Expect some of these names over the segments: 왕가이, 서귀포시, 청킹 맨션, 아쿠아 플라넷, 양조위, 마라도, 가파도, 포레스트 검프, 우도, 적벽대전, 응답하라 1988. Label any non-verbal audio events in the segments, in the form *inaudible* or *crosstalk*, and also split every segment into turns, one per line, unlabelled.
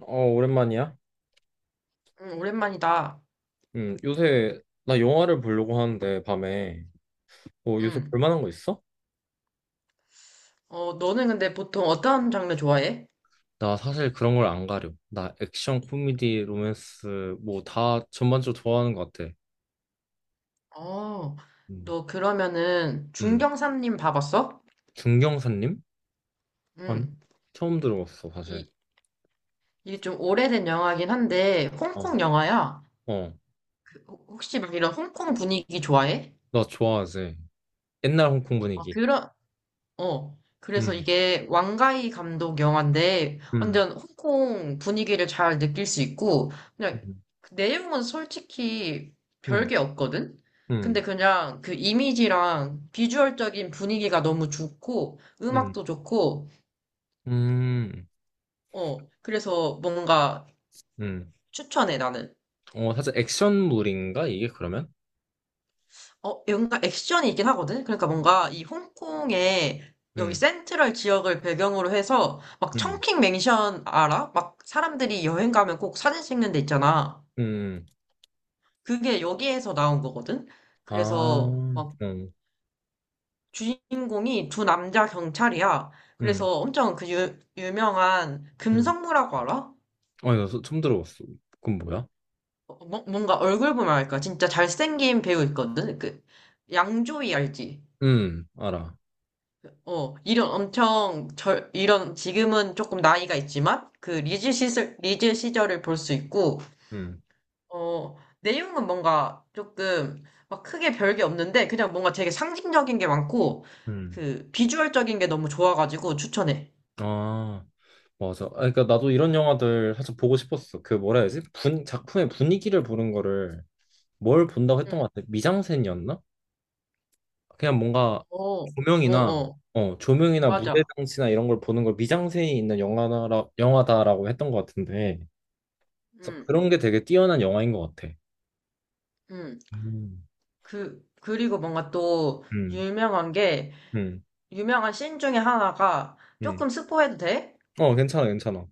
어, 오랜만이야?
응 오랜만이다.
요새 나 영화를 보려고 하는데 밤에 뭐 요새 볼
응.
만한 거 있어?
어, 너는 근데 보통 어떤 장르 좋아해?
나 사실 그런 걸 안 가려. 나 액션, 코미디, 로맨스 뭐 다 전반적으로 좋아하는 것 같아.
어,
음,
너 그러면은
음.
중경사님 봐봤어?
중경사님? 아니,
응.
처음 들어봤어 사실.
이, 이게 좀 오래된 영화긴 한데,
어,
홍콩 영화야.
어,
혹시 막 이런 홍콩 분위기 좋아해?
나 좋아하지. 옛날 홍콩
어,
분위기.
그런, 어. 그래서
음,
이게 왕가이 감독 영화인데
음,
완전 홍콩 분위기를 잘 느낄 수 있고 그냥
음,
그 내용은 솔직히
음,
별게 없거든?
음,
근데 그냥 그 이미지랑 비주얼적인 분위기가 너무 좋고
음,
음악도 좋고
음,
어. 그래서 뭔가
음.
추천해 나는.
어, 사실 액션물인가 이게 그러면?
어, 뭔가 액션이 있긴 하거든? 그러니까 뭔가 이 홍콩의 여기
음,
센트럴 지역을 배경으로 해서 막
음,
청킹 맨션 알아? 막 사람들이 여행 가면 꼭 사진 찍는 데 있잖아.
음.
그게 여기에서 나온 거거든?
아,
그래서
어,
막 주인공이 두 남자 경찰이야.
음,
그래서 엄청 그 유명한
음.
금성무라고 알아?
어, 나 처음 들어봤어. 그건 뭐야?
어, 뭔가 얼굴 보면 알까? 진짜 잘생긴 배우 있거든? 그 양조위 알지?
알아.
어, 이런 엄청 이런 지금은 조금 나이가 있지만 그 리즈 시절 리즈 시절을 볼 수 있고
음,
어, 내용은 뭔가 조금 막 크게 별게 없는데 그냥 뭔가 되게 상징적인 게 많고
음.
그 비주얼적인 게 너무 좋아가지고 추천해.
아, 맞아. 아, 그러니까 나도 이런 영화들 사실 보고 싶었어. 그 뭐라 해야지? 작품의 분위기를 보는 거를 뭘 본다고 했던
응,
것 같아. 미장센이었나? 그냥 뭔가
어, 어,
조명이나,
어,
어, 조명이나 무대
맞아.
장치나 이런 걸 보는 걸 미장센이 있는 영화다라고 했던 것 같은데. 그래서
응,
그런 게 되게 뛰어난 영화인 것 같아.
응.
음,
그, 그리고 뭔가 또
음,
유명한 게,
음,
유명한 씬 중에 하나가,
음.
조금 스포해도 돼?
어, 괜찮아, 괜찮아.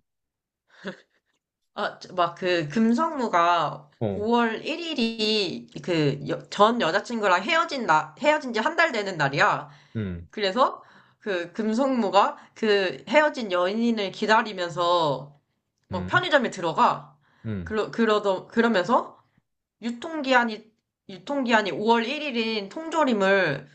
아, 막 그 금성무가
어,
5월 1일이 그 전 여자친구랑 헤어진 지 한 달 되는 날이야.
음,
그래서 그 금성무가 그 헤어진 연인을 기다리면서 뭐
음,
편의점에 들어가.
음.
그러면서 유통기한이, 유통기한이 5월 1일인 통조림을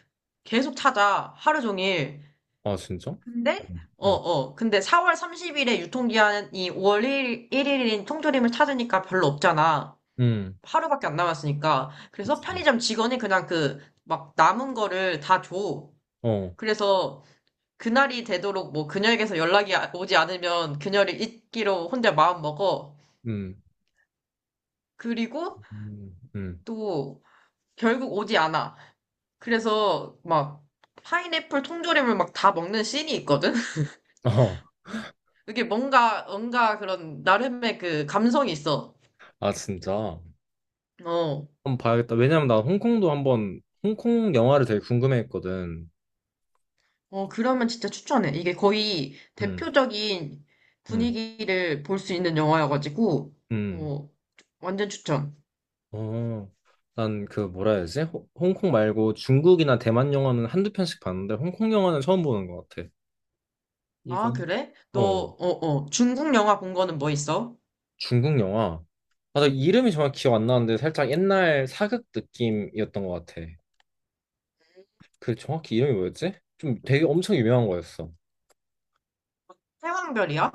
계속 찾아. 하루 종일.
아, 진짜?
근데
음,
어,
음,
어. 근데 4월 30일에 유통기한이 5월 일인 통조림을 찾으니까 별로 없잖아.
음,
하루밖에 안 남았으니까. 그래서
그치.
편의점 직원이 그냥 그, 막 남은 거를 다 줘.
어,
그래서 그날이 되도록 뭐 그녀에게서 오지 않으면 그녀를 잊기로 혼자 마음 먹어.
음,
그리고
음, 음.
또 결국 오지 않아. 그래서 막 파인애플 통조림을 막 다 먹는 씬이 있거든? *laughs*
어,
이게 뭔가, 뭔가 그런 나름의 그 감성이 있어.
아, 진짜.
어,
한번 봐야겠다. 왜냐면 나 홍콩 영화를 되게 궁금해했거든.
어, 그러면 진짜 추천해. 이게 거의
음,
대표적인
음,
분위기를 볼 수 있는 영화여가지고,
음.
어, 완전 추천.
어, 난 그 뭐라 해야 되지? 홍콩 말고 중국이나 대만 영화는 한두 편씩 봤는데, 홍콩 영화는 처음 보는 것 같아. 이거.
아, 그래? 너,
어.
어, 어, 중국 영화 본 거는 뭐 있어?
중국 영화. 맞아, 이름이 정확히 기억 안 나는데 살짝 옛날 사극 느낌이었던 것 같아. 그 정확히 이름이 뭐였지? 좀 되게 엄청 유명한 거였어.
태왕별이야?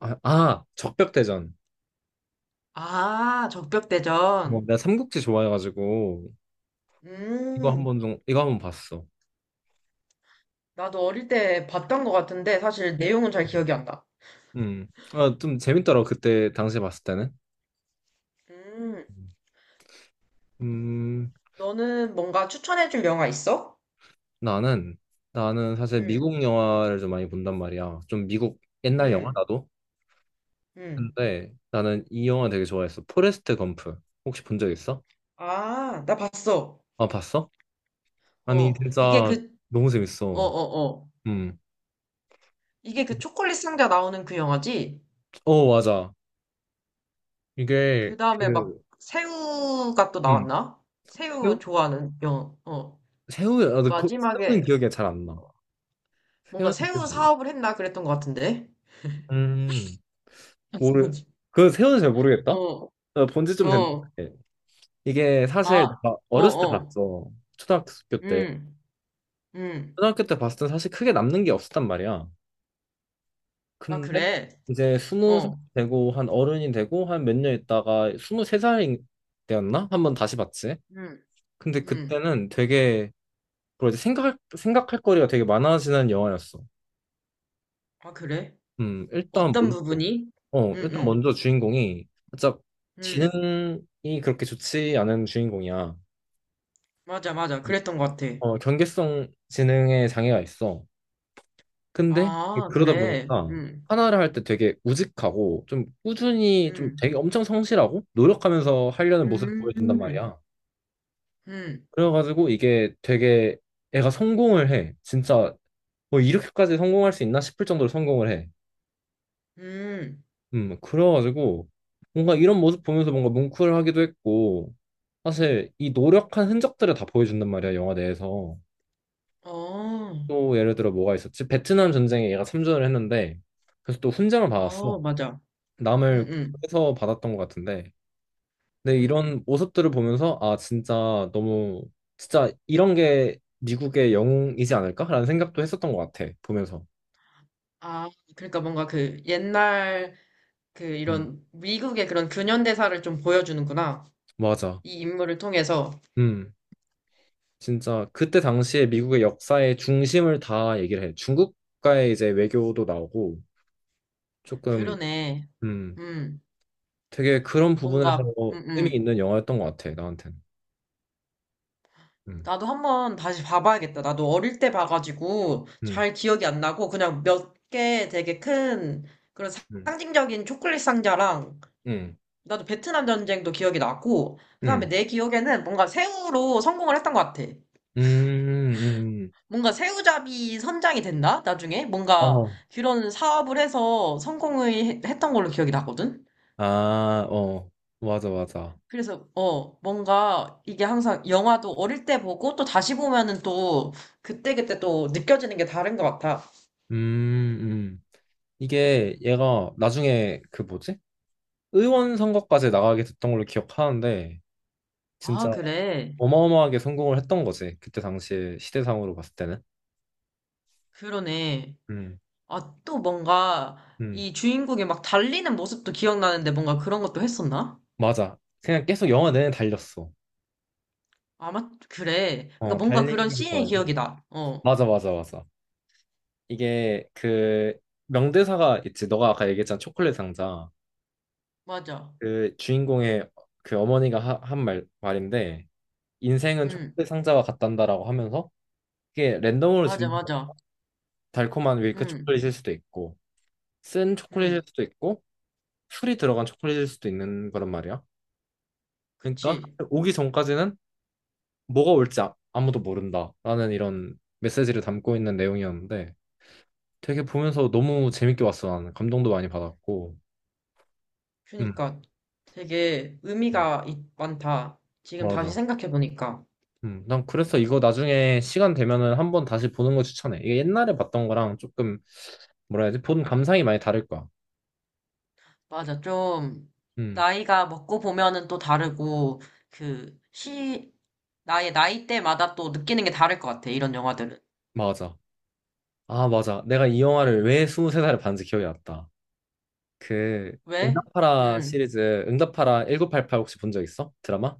아, 아, 적벽대전.
아,
뭐,
적벽대전.
내가 삼국지 좋아해가지고
음,
이거 한번 봤어.
나도 어릴 때 봤던 것 같은데, 사실 내용은 잘 기억이 안 나.
음, 아, 좀 재밌더라고 그때 당시에 봤을 때는.
음,
음,
너는 뭔가 추천해줄 영화 있어?
나는 나는 사실
응
미국 영화를 좀 많이 본단 말이야. 좀 미국 옛날 영화
응
나도.
응
근데 나는 이 영화 되게 좋아했어. 포레스트 검프. 혹시 본 적 있어?
아, 나 봤어.
아, 봤어? 아니
어, 이게
진짜
그,
너무
어,
재밌어.
어, 어.
음.
이게 그 초콜릿 상자 나오는 그 영화지?
어 맞아. 이게
그 다음에 막
그
새우가 또
음.
나왔나? 새우
새우?
좋아하는 영화, 어.
새우야. 아, 근데 그, 새우는
마지막에
기억이 잘 안 나.
뭔가
새우는 기억이
새우
안
사업을 했나 그랬던 것 같은데?
나. 음. 모르.
*laughs*
그 새우는 잘 모르겠다.
어,
본지 좀
어,
됐는데 이게 사실
아,
내가
어,
어렸을 때
어,
봤어. 초등학교 때.
음, 음.
초등학교 때 봤을 때 사실 크게 남는 게 없었단 말이야.
아,
근데
그래?
이제 20살
어,
되고 한 어른이 되고 한 몇 년 있다가 23살이 되었나? 한번 다시 봤지.
음,
근데
음.
그때는 되게 그리고 이제 생각할 거리가 되게 많아지는 영화였어.
아, 그래?
일단
어떤
먼저,
부분이?
어,
음,
일단
음,
먼저 주인공이 진짜
음.
지능이 그렇게 좋지 않은 주인공이야.
맞아, 맞아. 그랬던 것 같아.
어, 경계성 지능에 장애가 있어. 근데
아,
그러다
그래?
보니까 하나를 할 때 되게 우직하고 좀 꾸준히 좀
음,
되게 엄청 성실하고 노력하면서 하려는 모습을 보여준단
음,
말이야.
음.
그래가지고 이게 되게 애가 성공을 해. 진짜 뭐 이렇게까지 성공할 수 있나 싶을 정도로 성공을 해.
음.
그래가지고 뭔가 이런 모습 보면서 뭔가 뭉클하기도 했고 사실 이 노력한 흔적들을 다 보여준단 말이야 영화 내에서.
어,
또 예를 들어 뭐가 있었지. 베트남 전쟁에 얘가 참전을 했는데 그래서 또 훈장을 받았어.
어, 맞아. 응,
남을
응,
해서 받았던 것 같은데 근데
응.
이런 모습들을 보면서 아 진짜 너무 진짜 이런 게 미국의 영웅이지 않을까라는 생각도 했었던 것 같아 보면서.
아, 그러니까 뭔가 그 옛날 그
음.
이런 미국의 그런 근현대사를 좀 보여주는구나.
맞아.
이 인물을 통해서.
음. 진짜 그때 당시에 미국의 역사의 중심을 다 얘기를 해. 중국과의 이제 외교도 나오고 조금
그러네.
음
음,
되게 그런 부분에서
뭔가,
의미 있는 영화였던 것 같아 나한테는. 음,
나도 한번 다시 봐봐야겠다. 나도 어릴 때 봐가지고
음,
잘 기억이 안 나고 그냥 몇 개 되게 큰 그런
음,
상징적인 초콜릿 상자랑
음,
나도 베트남 전쟁도 기억이 나고
음,
그다음에 내 기억에는 뭔가 새우로 성공을 했던 것 같아.
음, 음, 음.
뭔가 새우잡이 선장이 된다? 나중에? 뭔가
어,
그런 사업을 해서 했던 걸로 기억이 나거든?
아, 어, 맞아, 맞아.
그래서, 어, 뭔가 이게 항상 영화도 어릴 때 보고 또 다시 보면은 또 그때그때 또 느껴지는 게 다른 것 같아.
음, 음. 이게 얘가 나중에 그 뭐지? 의원 선거까지 나가게 됐던 걸로 기억하는데
아,
진짜
그래.
어마어마하게 성공을 했던 거지 그때 당시에 시대상으로 봤을 때는.
그러네.
음,
아, 또 뭔가
음,
이 주인공이 막 달리는 모습도 기억나는데 뭔가 그런 것도 했었나?
맞아. 그냥 계속 영화 내내 달렸어.
아마, 그래. 그러니까
어,
뭔가 그런
달리기를
씬의
좋아해서.
기억이 나. 어,
맞아, 맞아, 맞아. 이게 그 명대사가 있지. 너가 아까 얘기했잖아. 초콜릿 상자.
맞아.
그 주인공의 그 어머니가 한 말인데, 인생은
응,
초콜릿 상자와 같단다라고 하면서, 이게 랜덤으로
맞아,
집는
맞아.
달콤한 밀크
응,
초콜릿일 수도 있고, 쓴
응.
초콜릿일 수도 있고, 풀이 들어간 초콜릿일 수도 있는 그런 말이야. 그러니까
그치.
오기 전까지는 뭐가 올지 아무도 모른다라는 이런 메시지를 담고 있는 내용이었는데 되게 보면서 너무 재밌게 봤어. 나는 감동도 많이 받았고. 음.
그니까 되게 많다. 지금 다시
맞아.
생각해보니까.
난 그래서 이거 나중에 시간 되면은 한번 다시 보는 거 추천해. 이게 옛날에 봤던 거랑 조금 뭐라 해야 되지 본 감상이 많이 다를 거야.
맞아. 좀,
음.
나이가 먹고 보면은 또 다르고, 그, 시, 나의 나이대마다 또 느끼는 게 다를 것 같아. 이런 영화들은.
맞아. 아 맞아 내가 이 영화를 왜 23살에 봤는지 기억이 났다. 그
왜?
응답하라
음.
시리즈. 응답하라 1988 혹시 본 적 있어? 드라마?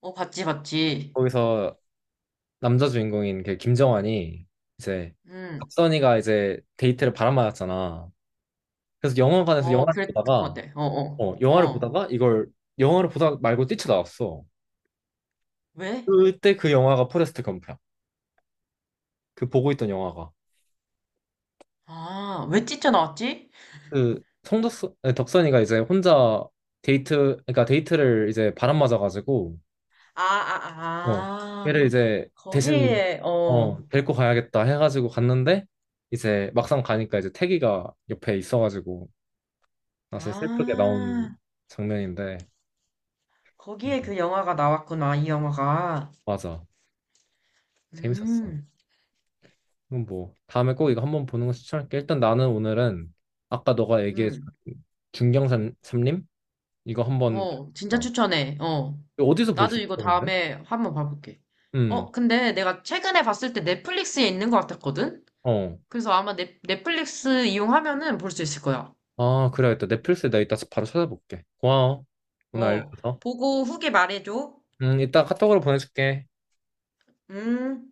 어, 봤지, 봤지.
거기서 남자 주인공인 그 김정환이 이제
음.
박선희가 이제 데이트를 바람맞았잖아. 그래서 영화관에서
어,
영화를
그랬던 것
보다가
같아. 어, 어.
어 영화를
어.
보다가 이걸 영화를 보다 말고 뛰쳐나왔어.
왜?
그때 그 영화가 포레스트 검프야. 그 보고 있던 영화가
아, 왜 찢져 나왔지?
그 성덕 덕선이가 이제 혼자 데이트 그러니까 데이트를 이제 바람맞아가지고
아,
어
아, 아.
걔를 이제 대신
거기에,
어
어.
데리고 가야겠다 해가지고 갔는데 이제 막상 가니까 이제 태기가 옆에 있어가지고 사실 슬프게 나온
아.
장면인데.
거기에
음,
그 영화가 나왔구나, 이 영화가.
맞아. 재밌었어.
음,
그럼 뭐 다음에 꼭 이거 한번 보는 거 추천할게. 일단 나는 오늘은 아까 너가 얘기해준
음.
중경산 삼림 이거 한번
어, 진짜
봤다.
추천해. 어.
이거 어디서 볼
나도
수
이거
있어 근데?
다음에 한번 봐볼게. 어, 근데 내가 최근에 봤을 때 넷플릭스에 있는 것 같았거든?
음어아.
그래서 아마 넷플릭스 이용하면은 볼 수 있을 거야.
그래야겠다. 넷플릭스에 나 이따 바로 찾아볼게. 고마워 오늘
어,
알려줘서.
보고 후기 말해줘.
이따 카톡으로 보내줄게.
음.